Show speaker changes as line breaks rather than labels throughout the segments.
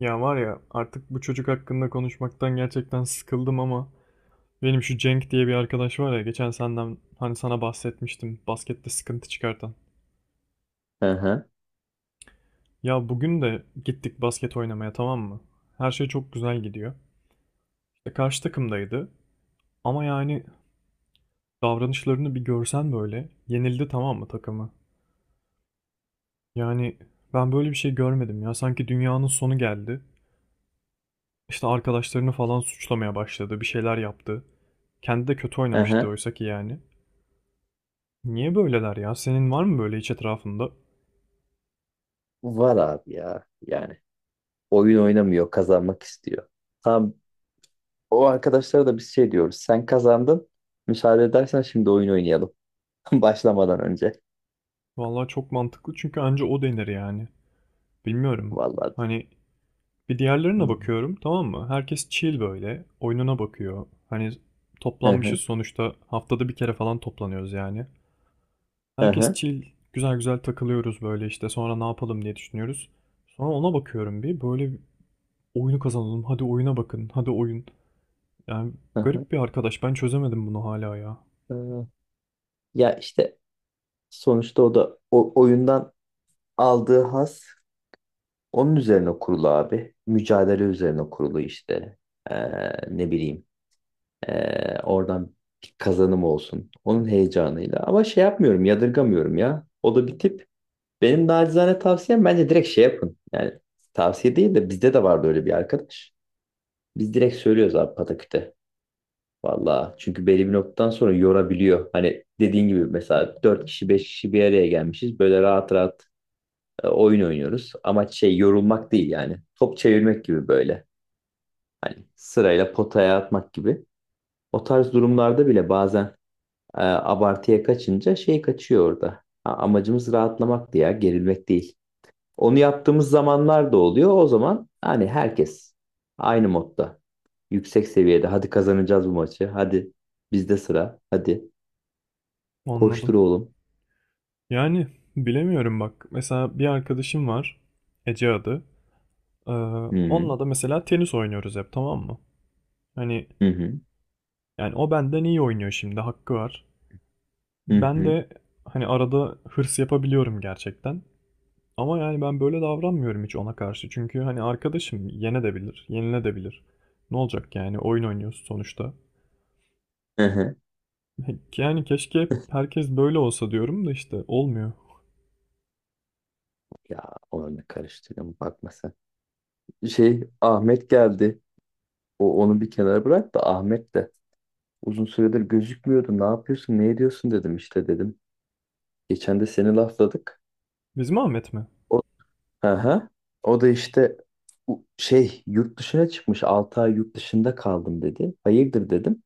Ya var ya artık bu çocuk hakkında konuşmaktan gerçekten sıkıldım ama benim şu Cenk diye bir arkadaş var ya geçen senden hani sana bahsetmiştim baskette sıkıntı çıkartan.
Hı hı,
Ya bugün de gittik basket oynamaya, tamam mı? Her şey çok güzel gidiyor. İşte karşı takımdaydı ama yani davranışlarını bir görsen, böyle yenildi tamam mı takımı? Yani ben böyle bir şey görmedim ya, sanki dünyanın sonu geldi. İşte arkadaşlarını falan suçlamaya başladı, bir şeyler yaptı. Kendi de kötü
hı
oynamıştı
hı.
oysa ki yani. Niye böyleler ya? Senin var mı böyle hiç etrafında?
Var abi ya. Yani oyun oynamıyor, kazanmak istiyor. Tam o arkadaşlara da biz şey diyoruz. Sen kazandın. Müsaade edersen şimdi oyun oynayalım. Başlamadan önce.
Vallahi çok mantıklı, çünkü anca o denir yani. Bilmiyorum.
Vallahi.
Hani bir
Hı
diğerlerine bakıyorum, tamam mı? Herkes chill böyle. Oyununa bakıyor. Hani toplanmışız
hı,
sonuçta. Haftada bir kere falan toplanıyoruz yani.
hı
Herkes
hı,
chill. Güzel güzel takılıyoruz böyle işte. Sonra ne yapalım diye düşünüyoruz. Sonra ona bakıyorum bir. Böyle oyunu kazanalım. Hadi oyuna bakın. Hadi oyun. Yani
hı hı.
garip bir arkadaş. Ben çözemedim bunu hala ya.
Ee, Ya işte sonuçta o da o oyundan aldığı haz onun üzerine kurulu abi. Mücadele üzerine kurulu işte. Ne bileyim. Oradan bir kazanım olsun. Onun heyecanıyla. Ama şey yapmıyorum, yadırgamıyorum ya. O da bir tip. Benim nacizane tavsiyem bence direkt şey yapın. Yani tavsiye değil de bizde de vardı öyle bir arkadaş. Biz direkt söylüyoruz abi pataküte. Valla çünkü belli bir noktadan sonra yorabiliyor. Hani dediğin gibi mesela 4 kişi 5 kişi bir araya gelmişiz. Böyle rahat rahat oyun oynuyoruz. Amaç şey yorulmak değil yani. Top çevirmek gibi böyle. Hani sırayla potaya atmak gibi. O tarz durumlarda bile bazen abartıya kaçınca şey kaçıyor orada. Amacımız rahatlamak ya, gerilmek değil. Onu yaptığımız zamanlar da oluyor. O zaman hani herkes aynı modda, yüksek seviyede. Hadi kazanacağız bu maçı. Hadi bizde sıra. Hadi
Anladım.
koştur oğlum.
Yani bilemiyorum bak. Mesela bir arkadaşım var. Ece adı. Ee,
Hı hı.
onunla da mesela tenis oynuyoruz hep, tamam mı? Hani
Hı hı.
yani o benden iyi oynuyor, şimdi hakkı var.
Hı
Ben
hı.
de hani arada hırs yapabiliyorum gerçekten. Ama yani ben böyle davranmıyorum hiç ona karşı. Çünkü hani arkadaşım yene de bilir, yenile de bilir. Ne olacak yani, oyun oynuyoruz sonuçta.
Hı hı.
Yani keşke hep herkes böyle olsa diyorum da işte olmuyor.
Ya onu ne karıştırıyorum bakma sen. Şey Ahmet geldi. O onu bir kenara bırak da Ahmet de uzun süredir gözükmüyordu. Ne yapıyorsun? Ne ediyorsun dedim işte dedim. Geçen de seni lafladık.
Bizim Ahmet mi?
O aha. O da işte şey yurt dışına çıkmış 6 ay yurt dışında kaldım dedi. Hayırdır dedim.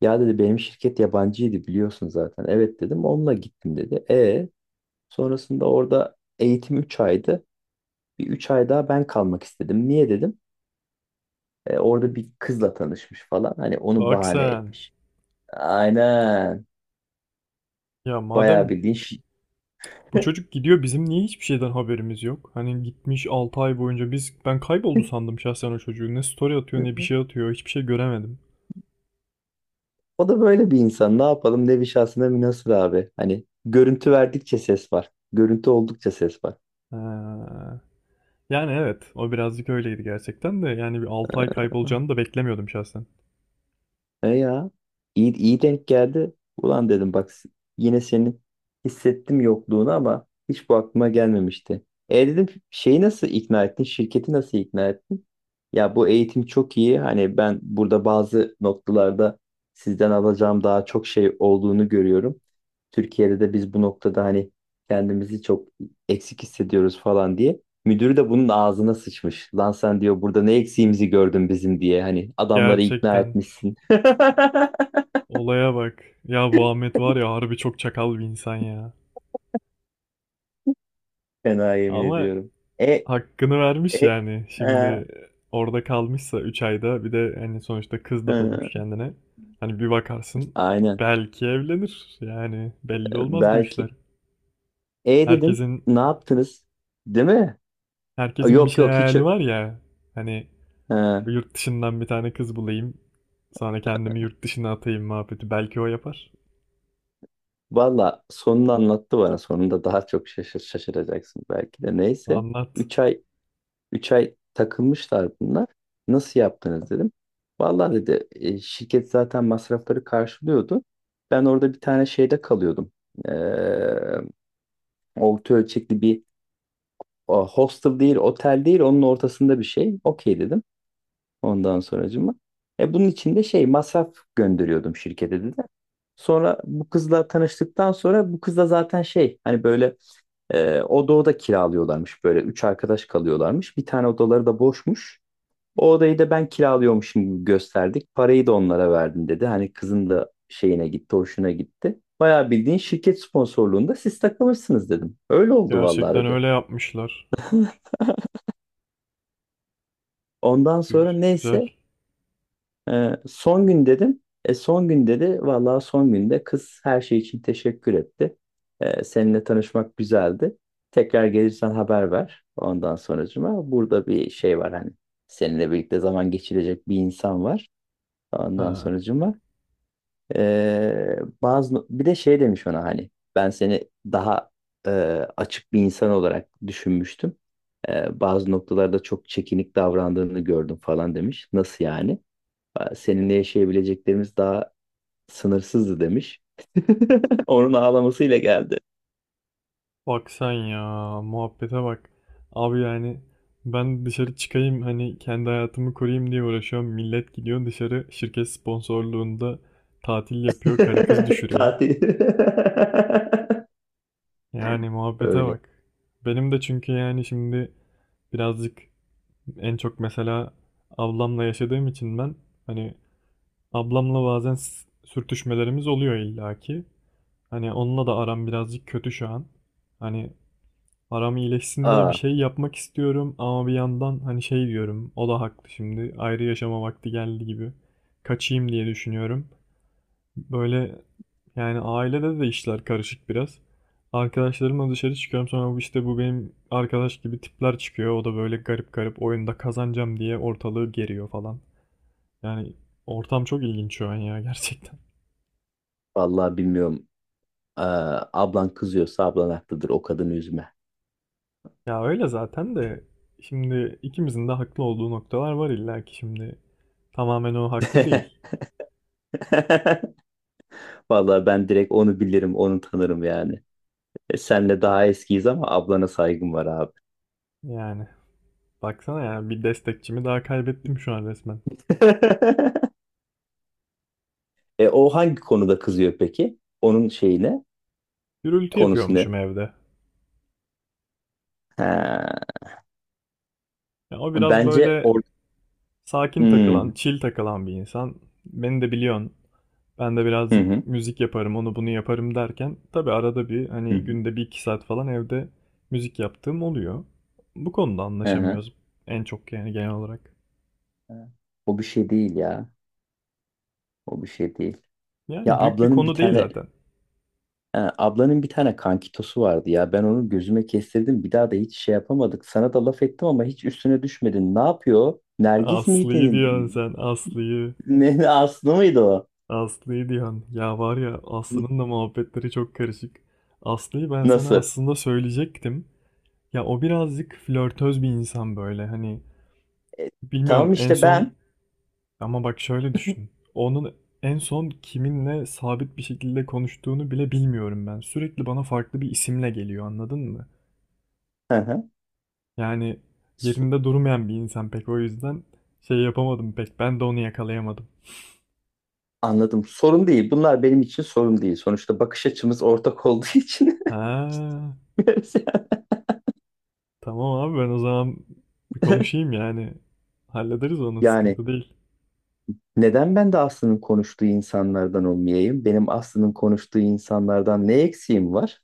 Ya dedi benim şirket yabancıydı biliyorsun zaten. Evet dedim onunla gittim dedi. E sonrasında orada eğitim 3 aydı. Bir 3 ay daha ben kalmak istedim. Niye dedim. E, orada bir kızla tanışmış falan. Hani onu
Bak
bahane
sen.
etmiş. Aynen.
Ya
Bayağı
madem
bildiğin şey.
Bu çocuk gidiyor, bizim niye hiçbir şeyden haberimiz yok? Hani gitmiş 6 ay boyunca ben kayboldu sandım şahsen o çocuğu. Ne story atıyor ne bir şey atıyor, hiçbir şey göremedim.
O da böyle bir insan. Ne yapalım? Nevi şahsına münhasır abi. Hani görüntü verdikçe ses var. Görüntü oldukça ses var.
Ee, yani evet o birazcık öyleydi gerçekten de, yani bir 6 ay kaybolacağını da beklemiyordum şahsen.
E ya iyi, iyi denk geldi. Ulan dedim bak yine senin hissettim yokluğunu ama hiç bu aklıma gelmemişti. E dedim şeyi nasıl ikna ettin? Şirketi nasıl ikna ettin? Ya bu eğitim çok iyi. Hani ben burada bazı noktalarda sizden alacağım daha çok şey olduğunu görüyorum. Türkiye'de de biz bu noktada hani kendimizi çok eksik hissediyoruz falan diye. Müdür de bunun ağzına sıçmış. Lan sen diyor burada ne eksiğimizi gördün bizim diye. Hani adamları ikna
Gerçekten
etmişsin.
olaya bak ya, bu Ahmet var ya, harbi çok çakal bir insan ya.
Fena yemin
Ama
ediyorum. E,
hakkını vermiş
e,
yani. Şimdi
e,
orada kalmışsa 3 ayda, bir de hani sonuçta kız da bulmuş
e.
kendine. Hani bir bakarsın
Aynen.
belki evlenir. Yani belli olmaz bu işler.
Belki. E dedim.
Herkesin
Ne yaptınız? Değil mi?
herkesin bir
Yok
şey
yok hiç.
hayali var ya. Hani
Ha.
yurt dışından bir tane kız bulayım. Sonra kendimi yurt dışına atayım muhabbeti. Belki o yapar.
Valla sonunu anlattı bana. Sonunda daha çok şaşıracaksın belki de. Neyse.
Anlat.
3 ay 3 ay takılmışlar bunlar. Nasıl yaptınız dedim. Vallahi dedi, şirket zaten masrafları karşılıyordu. Ben orada bir tane şeyde kalıyordum. Ee, Orta ölçekli bir hostel değil, otel değil, onun ortasında bir şey. Okey dedim. Ondan sonracıma. E bunun için de şey masraf gönderiyordum şirkete dedi. Sonra bu kızla tanıştıktan sonra bu kızla zaten şey hani böyle oda kiralıyorlarmış böyle 3 arkadaş kalıyorlarmış. Bir tane odaları da boşmuş. O odayı da ben kiralıyormuşum gibi gösterdik. Parayı da onlara verdim dedi. Hani kızın da şeyine gitti, hoşuna gitti. Bayağı bildiğin şirket sponsorluğunda siz takılmışsınız dedim. Öyle oldu vallahi
Gerçekten
dedi.
öyle yapmışlar.
Ondan sonra
Güzel.
neyse son gün dedim. E, son gün dedi. Vallahi son günde kız her şey için teşekkür etti. E, seninle tanışmak güzeldi. Tekrar gelirsen haber ver. Ondan sonracıma burada bir şey var hani. Seninle birlikte zaman geçirecek bir insan var. Ondan
Ha.
sonracıma Ee, bazı no-, bir de şey demiş ona hani ben seni daha e, açık bir insan olarak düşünmüştüm. Bazı noktalarda çok çekinik davrandığını gördüm falan demiş. Nasıl yani? Aa, seninle yaşayabileceklerimiz daha sınırsızdı demiş. Onun ağlamasıyla geldi.
Bak sen ya, muhabbete bak. Abi yani ben dışarı çıkayım, hani kendi hayatımı koruyayım diye uğraşıyorum. Millet gidiyor dışarı şirket sponsorluğunda tatil yapıyor. Karı kız düşürüyor.
Tatil.
Yani muhabbete
Öyle.
bak. Benim de çünkü yani şimdi birazcık en çok mesela ablamla yaşadığım için ben hani ablamla bazen sürtüşmelerimiz oluyor illaki. Hani onunla da aram birazcık kötü şu an. Hani aram iyileşsin diye bir
Aa,
şey yapmak istiyorum ama bir yandan hani şey diyorum, o da haklı, şimdi ayrı yaşama vakti geldi gibi kaçayım diye düşünüyorum. Böyle yani ailede de işler karışık biraz. Arkadaşlarımla dışarı çıkıyorum, sonra bu işte bu benim arkadaş gibi tipler çıkıyor. O da böyle garip garip oyunda kazanacağım diye ortalığı geriyor falan. Yani ortam çok ilginç şu an ya, gerçekten.
vallahi bilmiyorum. Aa, ablan kızıyorsa ablan haklıdır. O kadını üzme.
Ya öyle zaten de, şimdi ikimizin de haklı olduğu noktalar var illa ki, şimdi tamamen o haklı değil.
Vallahi ben direkt onu bilirim, onu tanırım yani. E, senle daha eskiyiz ama ablana saygım var abi.
Yani baksana ya, bir destekçimi daha kaybettim şu an resmen.
E, o hangi konuda kızıyor peki? Onun şeyi ne?
Gürültü
Konusu
yapıyormuşum
ne?
evde.
Ha,
Ya o biraz
bence
böyle sakin
hmm,
takılan, chill takılan bir insan. Beni de biliyorsun. Ben de
hı hı.
birazcık müzik yaparım, onu bunu yaparım derken tabii arada bir,
Hı
hani
hı.
günde bir iki saat falan evde müzik yaptığım oluyor. Bu konuda
Hı hı.
anlaşamıyoruz en çok, yani genel olarak.
O bir şey değil ya. O bir şey değil. Ya
Yani büyük bir
ablanın bir
konu değil
tane
zaten.
ha, ablanın bir tane kankitosu vardı ya. Ben onu gözüme kestirdim. Bir daha da hiç şey yapamadık. Sana da laf ettim ama hiç üstüne düşmedin. Ne yapıyor? Nergiz
Aslı'yı
miydi?
diyorsun sen, Aslı'yı.
Ne Aslı mıydı o?
Aslı'yı diyorsun. Ya var ya, Aslı'nın da muhabbetleri çok karışık. Aslı'yı ben sana
Nasıl?
aslında söyleyecektim. Ya o birazcık flörtöz bir insan böyle. Hani
E,
bilmiyorum
tamam
en
işte
son
ben.
ama bak şöyle düşün. Onun en son kiminle sabit bir şekilde konuştuğunu bile bilmiyorum ben. Sürekli bana farklı bir isimle geliyor, anladın mı?
Hı hı.
Yani
So-
yerinde durmayan bir insan pek, o yüzden şey yapamadım pek. Ben de onu yakalayamadım.
Anladım. Sorun değil. Bunlar benim için sorun değil. Sonuçta bakış açımız ortak olduğu için.
Ha. Tamam abi, ben o zaman bir konuşayım yani. Hallederiz onu,
Yani
sıkıntı değil.
neden ben de Aslı'nın konuştuğu insanlardan olmayayım? Benim Aslı'nın konuştuğu insanlardan ne eksiğim var?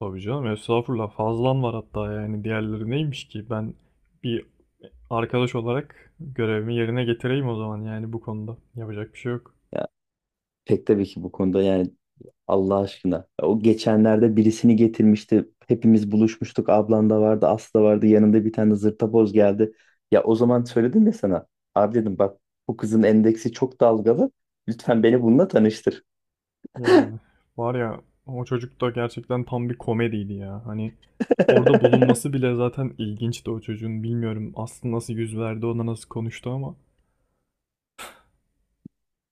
Tabii canım, estağfurullah, fazlan var hatta yani, diğerleri neymiş ki. Ben bir arkadaş olarak görevimi yerine getireyim o zaman yani bu konuda. Yapacak bir şey yok.
Ya pek tabii ki bu konuda yani Allah aşkına. O geçenlerde birisini getirmişti. Hepimiz buluşmuştuk. Ablan da vardı, Aslı da vardı. Yanında bir tane zırtaboz geldi. Ya o zaman söyledim ya sana. Abi dedim bak bu kızın endeksi çok dalgalı. Lütfen beni bununla tanıştır.
Yani var ya, o çocuk da gerçekten tam bir komediydi ya. Hani orada bulunması bile zaten ilginçti o çocuğun. Bilmiyorum aslında nasıl yüz verdi ona, nasıl konuştu ama.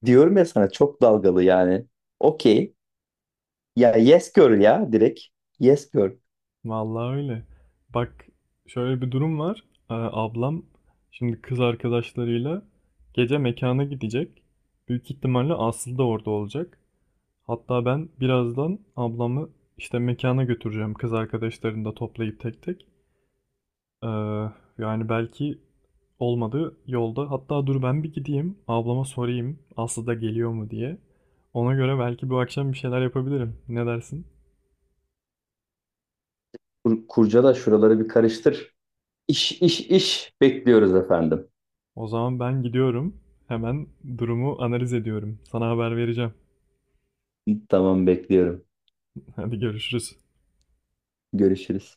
Diyorum ya sana çok dalgalı yani. Okey. Ya yes girl ya direkt. Yes girl.
Vallahi öyle. Bak şöyle bir durum var. Ablam şimdi kız arkadaşlarıyla gece mekana gidecek. Büyük ihtimalle Aslı da orada olacak. Hatta ben birazdan ablamı işte mekana götüreceğim, kız arkadaşlarını da toplayıp tek tek. Ee, yani belki olmadı yolda. Hatta dur, ben bir gideyim ablama sorayım Aslı da geliyor mu diye. Ona göre belki bu akşam bir şeyler yapabilirim. Ne dersin?
Kurcala şuraları bir karıştır. İş iş iş. Bekliyoruz efendim.
O zaman ben gidiyorum. Hemen durumu analiz ediyorum. Sana haber vereceğim.
Tamam bekliyorum.
Hadi görüşürüz.
Görüşürüz.